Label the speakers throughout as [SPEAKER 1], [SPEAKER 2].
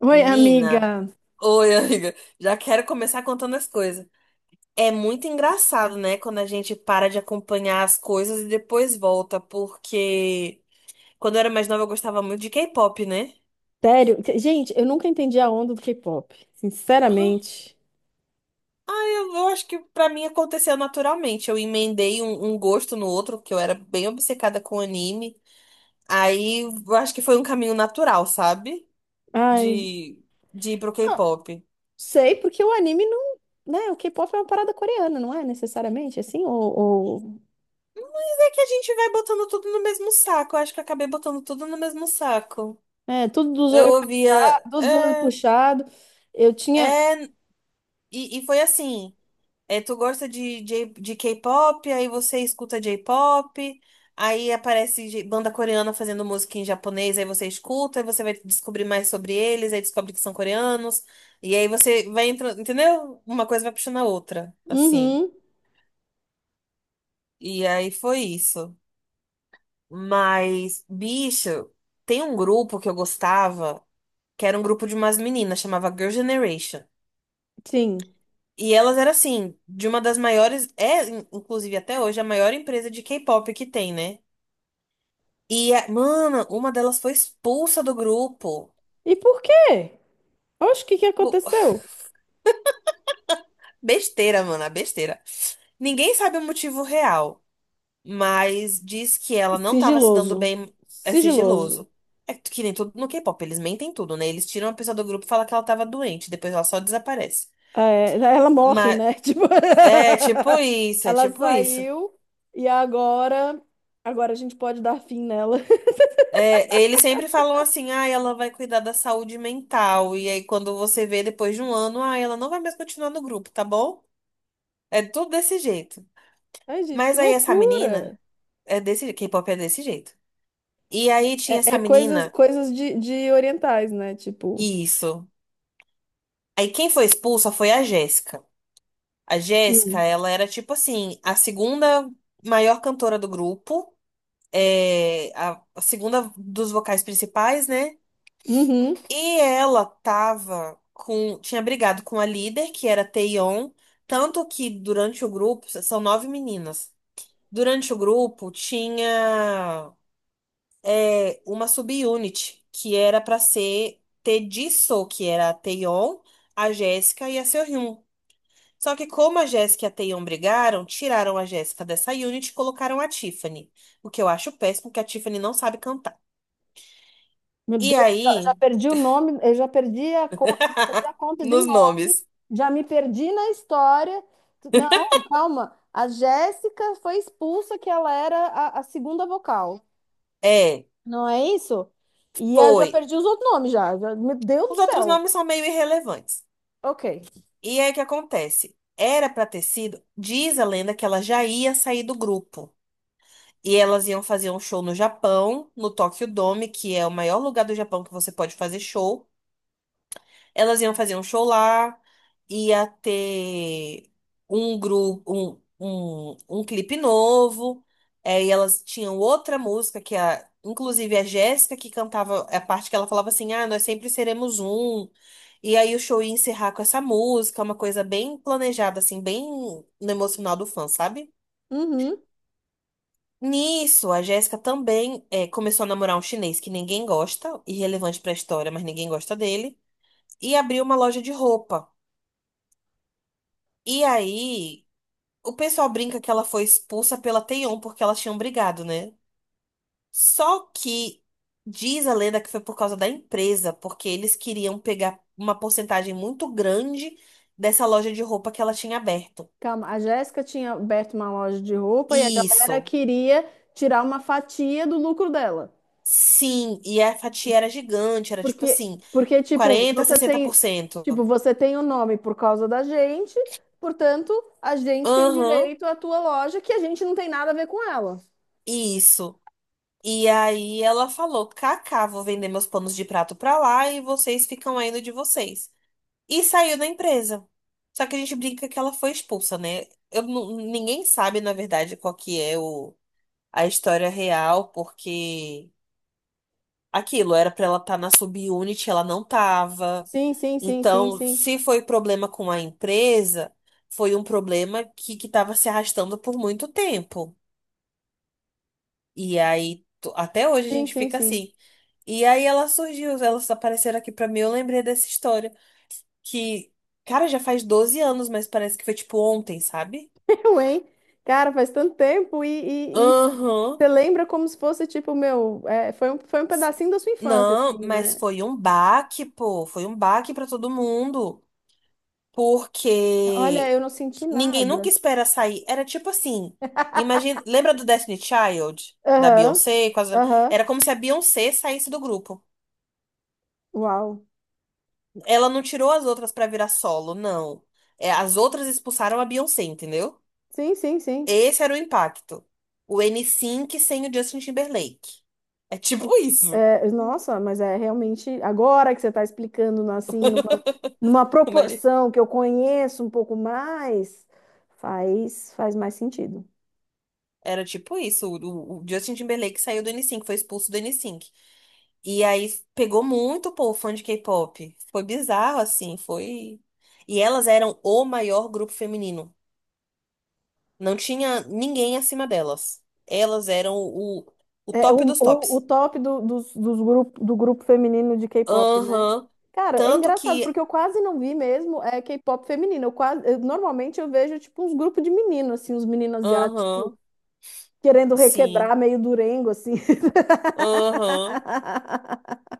[SPEAKER 1] Oi,
[SPEAKER 2] Menina,
[SPEAKER 1] amiga.
[SPEAKER 2] oi, amiga. Já quero começar contando as coisas. É muito engraçado, né, quando a gente para de acompanhar as coisas e depois volta, porque quando eu era mais nova eu gostava muito de K-pop, né?
[SPEAKER 1] Sério? Gente, eu nunca entendi a onda do K-pop. Sinceramente.
[SPEAKER 2] Eu acho que pra mim aconteceu naturalmente. Eu emendei um gosto no outro, porque eu era bem obcecada com anime. Aí eu acho que foi um caminho natural, sabe?
[SPEAKER 1] Ai,
[SPEAKER 2] De, de ir pro
[SPEAKER 1] não
[SPEAKER 2] K-pop.
[SPEAKER 1] sei, porque o anime não, né? O K-pop é uma parada coreana, não é necessariamente assim? Ou-
[SPEAKER 2] É que a gente vai botando tudo no mesmo saco. Eu acho que eu acabei botando tudo no mesmo saco.
[SPEAKER 1] É, tudo dos
[SPEAKER 2] Eu
[SPEAKER 1] olhos,
[SPEAKER 2] ouvia.
[SPEAKER 1] dos olhos
[SPEAKER 2] É,
[SPEAKER 1] puxados. Eu tinha.
[SPEAKER 2] é, e foi assim. É, tu gosta de K-pop, aí você escuta J-pop, aí aparece banda coreana fazendo música em japonês, aí você escuta, aí você vai descobrir mais sobre eles, aí descobre que são coreanos, e aí você vai entrando, entendeu? Uma coisa vai puxando a outra, assim.
[SPEAKER 1] Uhum,
[SPEAKER 2] E aí foi isso. Mas, bicho, tem um grupo que eu gostava, que era um grupo de umas meninas, chamava Girl Generation.
[SPEAKER 1] sim.
[SPEAKER 2] E elas eram assim, de uma das maiores, é inclusive até hoje a maior empresa de K-pop que tem, né? E, mano, uma delas foi expulsa do grupo.
[SPEAKER 1] E por quê? Oxe, o que que
[SPEAKER 2] Pô,
[SPEAKER 1] aconteceu?
[SPEAKER 2] besteira, mano, a besteira. Ninguém sabe o motivo real, mas diz que ela não tava se dando
[SPEAKER 1] Sigiloso.
[SPEAKER 2] bem, é
[SPEAKER 1] Sigiloso.
[SPEAKER 2] sigiloso. É que nem tudo no K-pop, eles mentem tudo, né? Eles tiram a pessoa do grupo e falam que ela tava doente, depois ela só desaparece.
[SPEAKER 1] É, ela morre,
[SPEAKER 2] Mas
[SPEAKER 1] né? Tipo,
[SPEAKER 2] é tipo isso, é
[SPEAKER 1] ela
[SPEAKER 2] tipo isso.
[SPEAKER 1] saiu e agora a gente pode dar fim nela.
[SPEAKER 2] É, eles sempre falam assim, ah, ela vai cuidar da saúde mental. E aí, quando você vê depois de um ano, ah, ela não vai mais continuar no grupo, tá bom? É tudo desse jeito.
[SPEAKER 1] Ai, gente, que
[SPEAKER 2] Mas aí essa menina
[SPEAKER 1] loucura!
[SPEAKER 2] é desse, K-pop é desse jeito. E aí tinha
[SPEAKER 1] É,
[SPEAKER 2] essa
[SPEAKER 1] é coisas,
[SPEAKER 2] menina,
[SPEAKER 1] coisas de orientais, né? Tipo,
[SPEAKER 2] isso. Aí quem foi expulsa foi a Jéssica. A Jéssica,
[SPEAKER 1] Hum.
[SPEAKER 2] ela era tipo assim, a segunda maior cantora do grupo, é, a segunda dos vocais principais, né?
[SPEAKER 1] Uhum.
[SPEAKER 2] E ela tava com. Tinha brigado com a líder, que era a Taeyeon. Tanto que durante o grupo, são nove meninas. Durante o grupo tinha uma subunit, que era pra ser ter Jisoo, que era a Taeyeon, a Jéssica e a Seohyun. Só que como a Jéssica e a Taeyeon brigaram, tiraram a Jéssica dessa unit e colocaram a Tiffany. O que eu acho péssimo, porque a Tiffany não sabe cantar.
[SPEAKER 1] Meu
[SPEAKER 2] E
[SPEAKER 1] Deus, já
[SPEAKER 2] aí,
[SPEAKER 1] perdi o nome, eu já perdi eu perdi a conta de
[SPEAKER 2] nos
[SPEAKER 1] nome,
[SPEAKER 2] nomes,
[SPEAKER 1] já me perdi na história. Não, calma. A Jéssica foi expulsa, que ela era a segunda vocal.
[SPEAKER 2] é,
[SPEAKER 1] Não é isso? E eu já
[SPEAKER 2] foi.
[SPEAKER 1] perdi os outros nomes Meu Deus do
[SPEAKER 2] Os outros
[SPEAKER 1] céu.
[SPEAKER 2] nomes são meio irrelevantes.
[SPEAKER 1] Ok.
[SPEAKER 2] E aí o que acontece? Era pra ter sido, diz a lenda que ela já ia sair do grupo. E elas iam fazer um show no Japão, no Tokyo Dome, que é o maior lugar do Japão que você pode fazer show. Elas iam fazer um show lá, ia ter um grupo, um clipe novo, e elas tinham outra música que a, inclusive a Jéssica que cantava a parte que ela falava assim, ah, nós sempre seremos um. E aí o show ia encerrar com essa música, uma coisa bem planejada, assim, bem no emocional do fã, sabe?
[SPEAKER 1] Uhum.
[SPEAKER 2] Nisso, a Jéssica também começou a namorar um chinês que ninguém gosta, irrelevante pra história, mas ninguém gosta dele, e abriu uma loja de roupa. E aí, o pessoal brinca que ela foi expulsa pela Taeyeon porque elas tinham brigado, né? Só que diz a lenda que foi por causa da empresa, porque eles queriam pegar uma porcentagem muito grande dessa loja de roupa que ela tinha aberto.
[SPEAKER 1] Calma. A Jéssica tinha aberto uma loja de roupa e a galera
[SPEAKER 2] Isso.
[SPEAKER 1] queria tirar uma fatia do lucro dela.
[SPEAKER 2] Sim, e a fatia era gigante, era tipo
[SPEAKER 1] Porque,
[SPEAKER 2] assim,
[SPEAKER 1] porque tipo, se
[SPEAKER 2] 40,
[SPEAKER 1] você tem,
[SPEAKER 2] 60%.
[SPEAKER 1] tipo, você tem o nome por causa da gente, portanto, a gente tem
[SPEAKER 2] Aham,
[SPEAKER 1] direito à tua loja que a gente não tem nada a ver com ela.
[SPEAKER 2] isso. E aí ela falou: Kaká, vou vender meus panos de prato pra lá e vocês ficam aí no de vocês. E saiu da empresa. Só que a gente brinca que ela foi expulsa, né? Ninguém sabe, na verdade, qual que é a história real, porque aquilo era pra ela estar na subunit, ela não tava.
[SPEAKER 1] Sim, sim, sim, sim,
[SPEAKER 2] Então,
[SPEAKER 1] sim.
[SPEAKER 2] se foi problema com a empresa, foi um problema que estava se arrastando por muito tempo. E aí, até hoje a
[SPEAKER 1] Sim,
[SPEAKER 2] gente
[SPEAKER 1] sim,
[SPEAKER 2] fica
[SPEAKER 1] sim.
[SPEAKER 2] assim. E aí ela surgiu, elas apareceram aqui pra mim, eu lembrei dessa história. Que, cara, já faz 12 anos, mas parece que foi tipo ontem, sabe?
[SPEAKER 1] Eu, hein? Cara, faz tanto tempo e você
[SPEAKER 2] Aham.
[SPEAKER 1] lembra como se fosse, tipo, meu, é, foi um pedacinho da sua infância,
[SPEAKER 2] Não,
[SPEAKER 1] assim,
[SPEAKER 2] mas
[SPEAKER 1] né?
[SPEAKER 2] foi um baque, pô. Foi um baque pra todo mundo.
[SPEAKER 1] Olha,
[SPEAKER 2] Porque
[SPEAKER 1] eu não senti
[SPEAKER 2] ninguém
[SPEAKER 1] nada.
[SPEAKER 2] nunca espera sair. Era tipo assim. Imagina, lembra do Destiny Child? Da
[SPEAKER 1] Aham,
[SPEAKER 2] Beyoncé?
[SPEAKER 1] aham,
[SPEAKER 2] Era como se a Beyoncé saísse do grupo.
[SPEAKER 1] uau.
[SPEAKER 2] Ela não tirou as outras pra virar solo, não. É, as outras expulsaram a Beyoncé, entendeu?
[SPEAKER 1] Sim, sim, sim.
[SPEAKER 2] Esse era o impacto. O n NSYNC sem o Justin Timberlake. É tipo isso.
[SPEAKER 1] É, nossa, mas é realmente, agora que você está explicando, né, assim, numa
[SPEAKER 2] Como ele-
[SPEAKER 1] proporção que eu conheço um pouco mais, faz mais sentido.
[SPEAKER 2] Era tipo isso. O Justin Timberlake saiu do n NSYNC, foi expulso do n NSYNC. E aí pegou muito, pô, fã de K-pop. Foi bizarro, assim, foi. E elas eram o maior grupo feminino. Não tinha ninguém acima delas. Elas eram o
[SPEAKER 1] É
[SPEAKER 2] top
[SPEAKER 1] o
[SPEAKER 2] dos
[SPEAKER 1] o
[SPEAKER 2] tops.
[SPEAKER 1] top do do grupo feminino de K-pop, né?
[SPEAKER 2] Aham.
[SPEAKER 1] Cara, é
[SPEAKER 2] Tanto
[SPEAKER 1] engraçado, porque
[SPEAKER 2] que.
[SPEAKER 1] eu quase não vi mesmo é, K-pop feminino. Normalmente eu vejo, tipo, uns grupos de menino, assim, uns meninos asiáticos
[SPEAKER 2] Aham.
[SPEAKER 1] querendo
[SPEAKER 2] Sim.
[SPEAKER 1] requebrar meio durengo, assim.
[SPEAKER 2] Aham.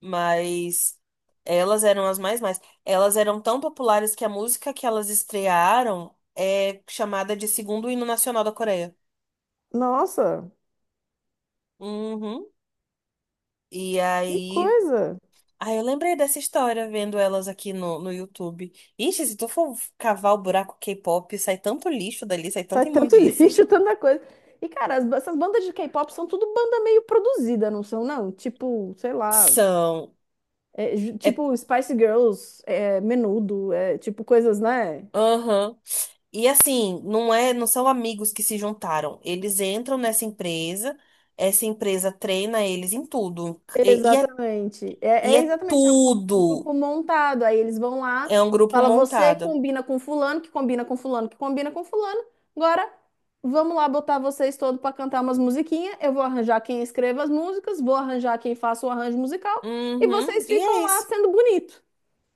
[SPEAKER 2] Mas elas eram as mais mais. Elas eram tão populares que a música que elas estrearam é chamada de segundo hino nacional da Coreia.
[SPEAKER 1] Nossa,
[SPEAKER 2] Uhum. E
[SPEAKER 1] que
[SPEAKER 2] aí.
[SPEAKER 1] coisa!
[SPEAKER 2] Ah, eu lembrei dessa história vendo elas aqui no YouTube. Ixi, se tu for cavar o buraco K-pop, sai tanto lixo dali, sai tanta
[SPEAKER 1] Sai tanto
[SPEAKER 2] imundice.
[SPEAKER 1] lixo, tanta coisa. E, cara, essas bandas de K-pop são tudo banda meio produzida, não são, não? Tipo, sei lá,
[SPEAKER 2] São. É.
[SPEAKER 1] tipo Spice Girls, é, Menudo, é, tipo coisas, né?
[SPEAKER 2] Aham. E assim, não é, não são amigos que se juntaram. Eles entram nessa empresa, essa empresa treina eles em tudo. E
[SPEAKER 1] Exatamente. É, é
[SPEAKER 2] é
[SPEAKER 1] exatamente, é um
[SPEAKER 2] tudo.
[SPEAKER 1] grupo montado. Aí eles vão lá,
[SPEAKER 2] É um grupo
[SPEAKER 1] fala, você
[SPEAKER 2] montado.
[SPEAKER 1] combina com fulano, que combina com fulano, que combina com fulano. Agora, vamos lá botar vocês todos para cantar umas musiquinhas. Eu vou arranjar quem escreva as músicas, vou arranjar quem faça o arranjo musical, e
[SPEAKER 2] Uhum,
[SPEAKER 1] vocês
[SPEAKER 2] e
[SPEAKER 1] ficam
[SPEAKER 2] é
[SPEAKER 1] lá
[SPEAKER 2] isso.
[SPEAKER 1] sendo bonito.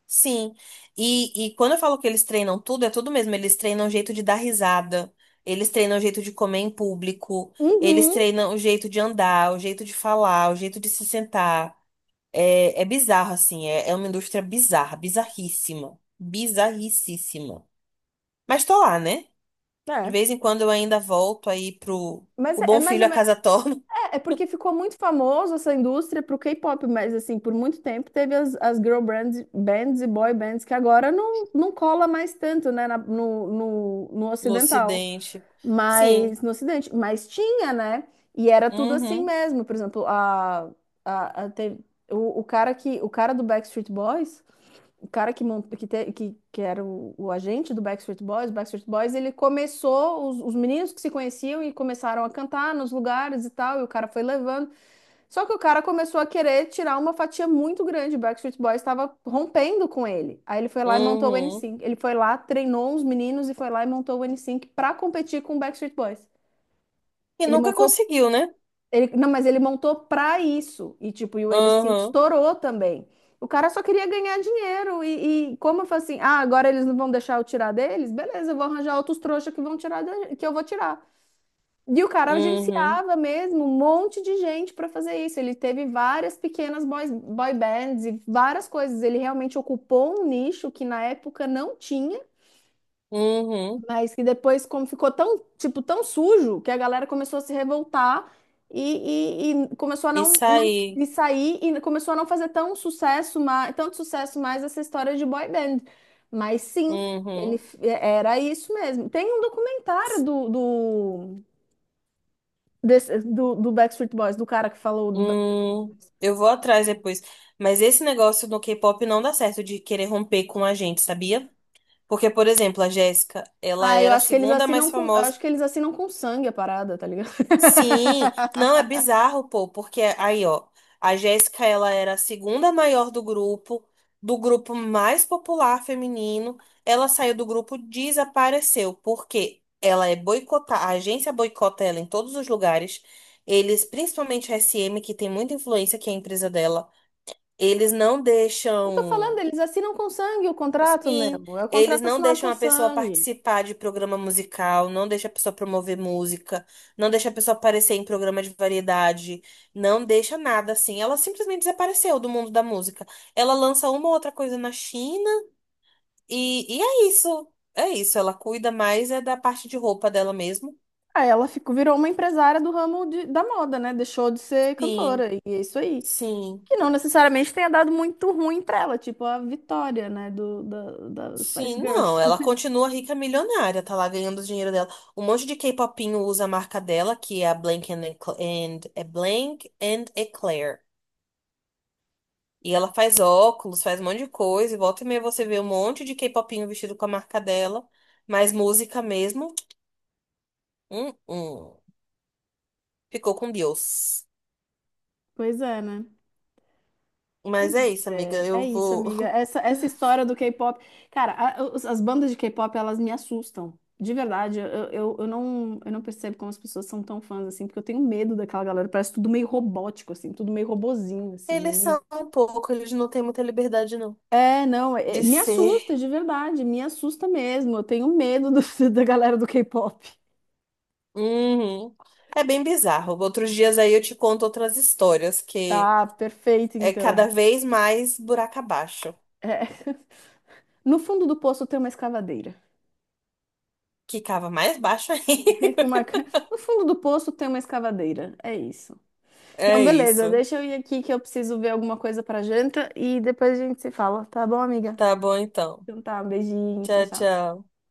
[SPEAKER 2] Sim. E quando eu falo que eles treinam tudo, é tudo mesmo. Eles treinam o jeito de dar risada. Eles treinam o jeito de comer em público. Eles
[SPEAKER 1] Uhum,
[SPEAKER 2] treinam o jeito de andar, o jeito de falar, o jeito de se sentar. É, é bizarro, assim. É uma indústria bizarra, bizarríssima. Bizarricíssima. Mas tô lá, né? De
[SPEAKER 1] é.
[SPEAKER 2] vez em quando eu ainda volto aí pro
[SPEAKER 1] Mas
[SPEAKER 2] o
[SPEAKER 1] é, é
[SPEAKER 2] Bom
[SPEAKER 1] mais
[SPEAKER 2] Filho
[SPEAKER 1] ou
[SPEAKER 2] a casa torna.
[SPEAKER 1] é porque ficou muito famoso essa indústria pro K-pop, mas assim, por muito tempo teve as girl bands e boy bands que agora não cola mais tanto, né, no
[SPEAKER 2] No
[SPEAKER 1] ocidental,
[SPEAKER 2] Ocidente.
[SPEAKER 1] mas
[SPEAKER 2] Sim.
[SPEAKER 1] no ocidente, mas tinha, né? E era tudo assim
[SPEAKER 2] Uhum.
[SPEAKER 1] mesmo. Por exemplo, a, a te- o cara que o cara do Backstreet Boys, o cara que mont, que, te- que era o agente do Backstreet Boys, ele começou os meninos que se conheciam e começaram a cantar nos lugares e tal, e o cara foi levando, só que o cara começou a querer tirar uma fatia muito grande. O Backstreet Boys estava rompendo com ele. Aí ele foi lá e montou o n
[SPEAKER 2] Uhum.
[SPEAKER 1] NSYNC. Ele foi lá, treinou uns meninos e foi lá e montou o n NSYNC para competir com o Backstreet Boys.
[SPEAKER 2] E
[SPEAKER 1] Ele
[SPEAKER 2] nunca
[SPEAKER 1] montou,
[SPEAKER 2] conseguiu, né?
[SPEAKER 1] não, mas ele montou para isso. E tipo, e o NSYNC
[SPEAKER 2] Uhum.
[SPEAKER 1] estourou também. O cara só queria ganhar dinheiro e como eu falei assim, ah, agora eles não vão deixar eu tirar deles? Beleza, eu vou arranjar outros trouxas que vão tirar que eu vou tirar. E o cara
[SPEAKER 2] Uhum.
[SPEAKER 1] agenciava mesmo um monte de gente para fazer isso. Ele teve várias pequenas boy bands e várias coisas. Ele realmente ocupou um nicho que na época não tinha,
[SPEAKER 2] Uhum.
[SPEAKER 1] mas que depois, como ficou tão, tipo, tão sujo, que a galera começou a se revoltar e começou a não,
[SPEAKER 2] Isso
[SPEAKER 1] não
[SPEAKER 2] aí.
[SPEAKER 1] e sair e começou a não fazer tanto sucesso mais essa história de boy band. Mas sim,
[SPEAKER 2] Uhum.
[SPEAKER 1] era isso mesmo. Tem um documentário do Backstreet Boys, do cara que falou do Backstreet
[SPEAKER 2] Uhum.
[SPEAKER 1] Boys.
[SPEAKER 2] Eu vou atrás depois. Mas esse negócio do K-pop não dá certo de querer romper com a gente, sabia? Porque, por exemplo, a Jéssica, ela
[SPEAKER 1] Ah, eu
[SPEAKER 2] era a
[SPEAKER 1] acho que
[SPEAKER 2] segunda mais famosa.
[SPEAKER 1] acho que eles assinam com sangue a parada, tá ligado?
[SPEAKER 2] Sim, não é bizarro, pô, porque aí, ó, a Jéssica, ela era a segunda maior do grupo mais popular feminino. Ela saiu do grupo, desapareceu, porque ela é boicotada, a agência boicota ela em todos os lugares. Eles, principalmente a SM, que tem muita influência, que é a empresa dela, eles não
[SPEAKER 1] Eu tô falando,
[SPEAKER 2] deixam.
[SPEAKER 1] eles assinam com sangue o contrato
[SPEAKER 2] Sim,
[SPEAKER 1] mesmo. É o
[SPEAKER 2] eles
[SPEAKER 1] contrato
[SPEAKER 2] não
[SPEAKER 1] assinado com
[SPEAKER 2] deixam a pessoa
[SPEAKER 1] sangue.
[SPEAKER 2] participar de programa musical, não deixa a pessoa promover música, não deixa a pessoa aparecer em programa de variedade, não deixa nada assim. Ela simplesmente desapareceu do mundo da música. Ela lança uma ou outra coisa na China e é isso. É isso, ela cuida mais é da parte de roupa dela mesmo.
[SPEAKER 1] Aí ela ficou, virou uma empresária do ramo da moda, né? Deixou de ser
[SPEAKER 2] Sim,
[SPEAKER 1] cantora. E é isso aí.
[SPEAKER 2] sim.
[SPEAKER 1] Que não necessariamente tenha dado muito ruim pra ela, tipo a Vitória, né? Da Spice
[SPEAKER 2] Sim,
[SPEAKER 1] Girls.
[SPEAKER 2] não, ela continua rica milionária, tá lá ganhando o dinheiro dela. Um monte de K-popinho usa a marca dela, que é a Blank and Eclair. E ela faz óculos, faz um monte de coisa, e volta e meia você vê um monte de K-popinho vestido com a marca dela, mas música mesmo, hum, hum, ficou com Deus.
[SPEAKER 1] Pois é, né? Pois
[SPEAKER 2] Mas é isso, amiga,
[SPEAKER 1] é,
[SPEAKER 2] eu
[SPEAKER 1] é isso,
[SPEAKER 2] vou.
[SPEAKER 1] amiga. Essa história do K-pop. Cara, as bandas de K-pop, elas me assustam. De verdade, eu não percebo como as pessoas são tão fãs assim, porque eu tenho medo daquela galera. Parece tudo meio robótico, assim, tudo meio robozinho, assim. É,
[SPEAKER 2] Eles
[SPEAKER 1] meio...
[SPEAKER 2] são um pouco, eles não têm muita liberdade, não,
[SPEAKER 1] é não, é- é,
[SPEAKER 2] de
[SPEAKER 1] me assusta,
[SPEAKER 2] ser
[SPEAKER 1] de verdade, me assusta mesmo. Eu tenho medo da galera do K-pop.
[SPEAKER 2] uhum. É bem bizarro. Outros dias aí eu te conto outras histórias, que
[SPEAKER 1] Tá, perfeito,
[SPEAKER 2] é cada
[SPEAKER 1] então.
[SPEAKER 2] vez mais buraco abaixo.
[SPEAKER 1] É. No fundo do poço tem uma escavadeira.
[SPEAKER 2] Que cava mais baixo aí.
[SPEAKER 1] É que uma ca- No fundo do poço tem uma escavadeira. É isso. Não,
[SPEAKER 2] É
[SPEAKER 1] beleza.
[SPEAKER 2] isso.
[SPEAKER 1] Deixa eu ir aqui que eu preciso ver alguma coisa pra janta e depois a gente se fala, tá bom, amiga?
[SPEAKER 2] Tá bom então.
[SPEAKER 1] Então tá, um beijinho, tchau,
[SPEAKER 2] Tchau,
[SPEAKER 1] tchau.
[SPEAKER 2] tchau.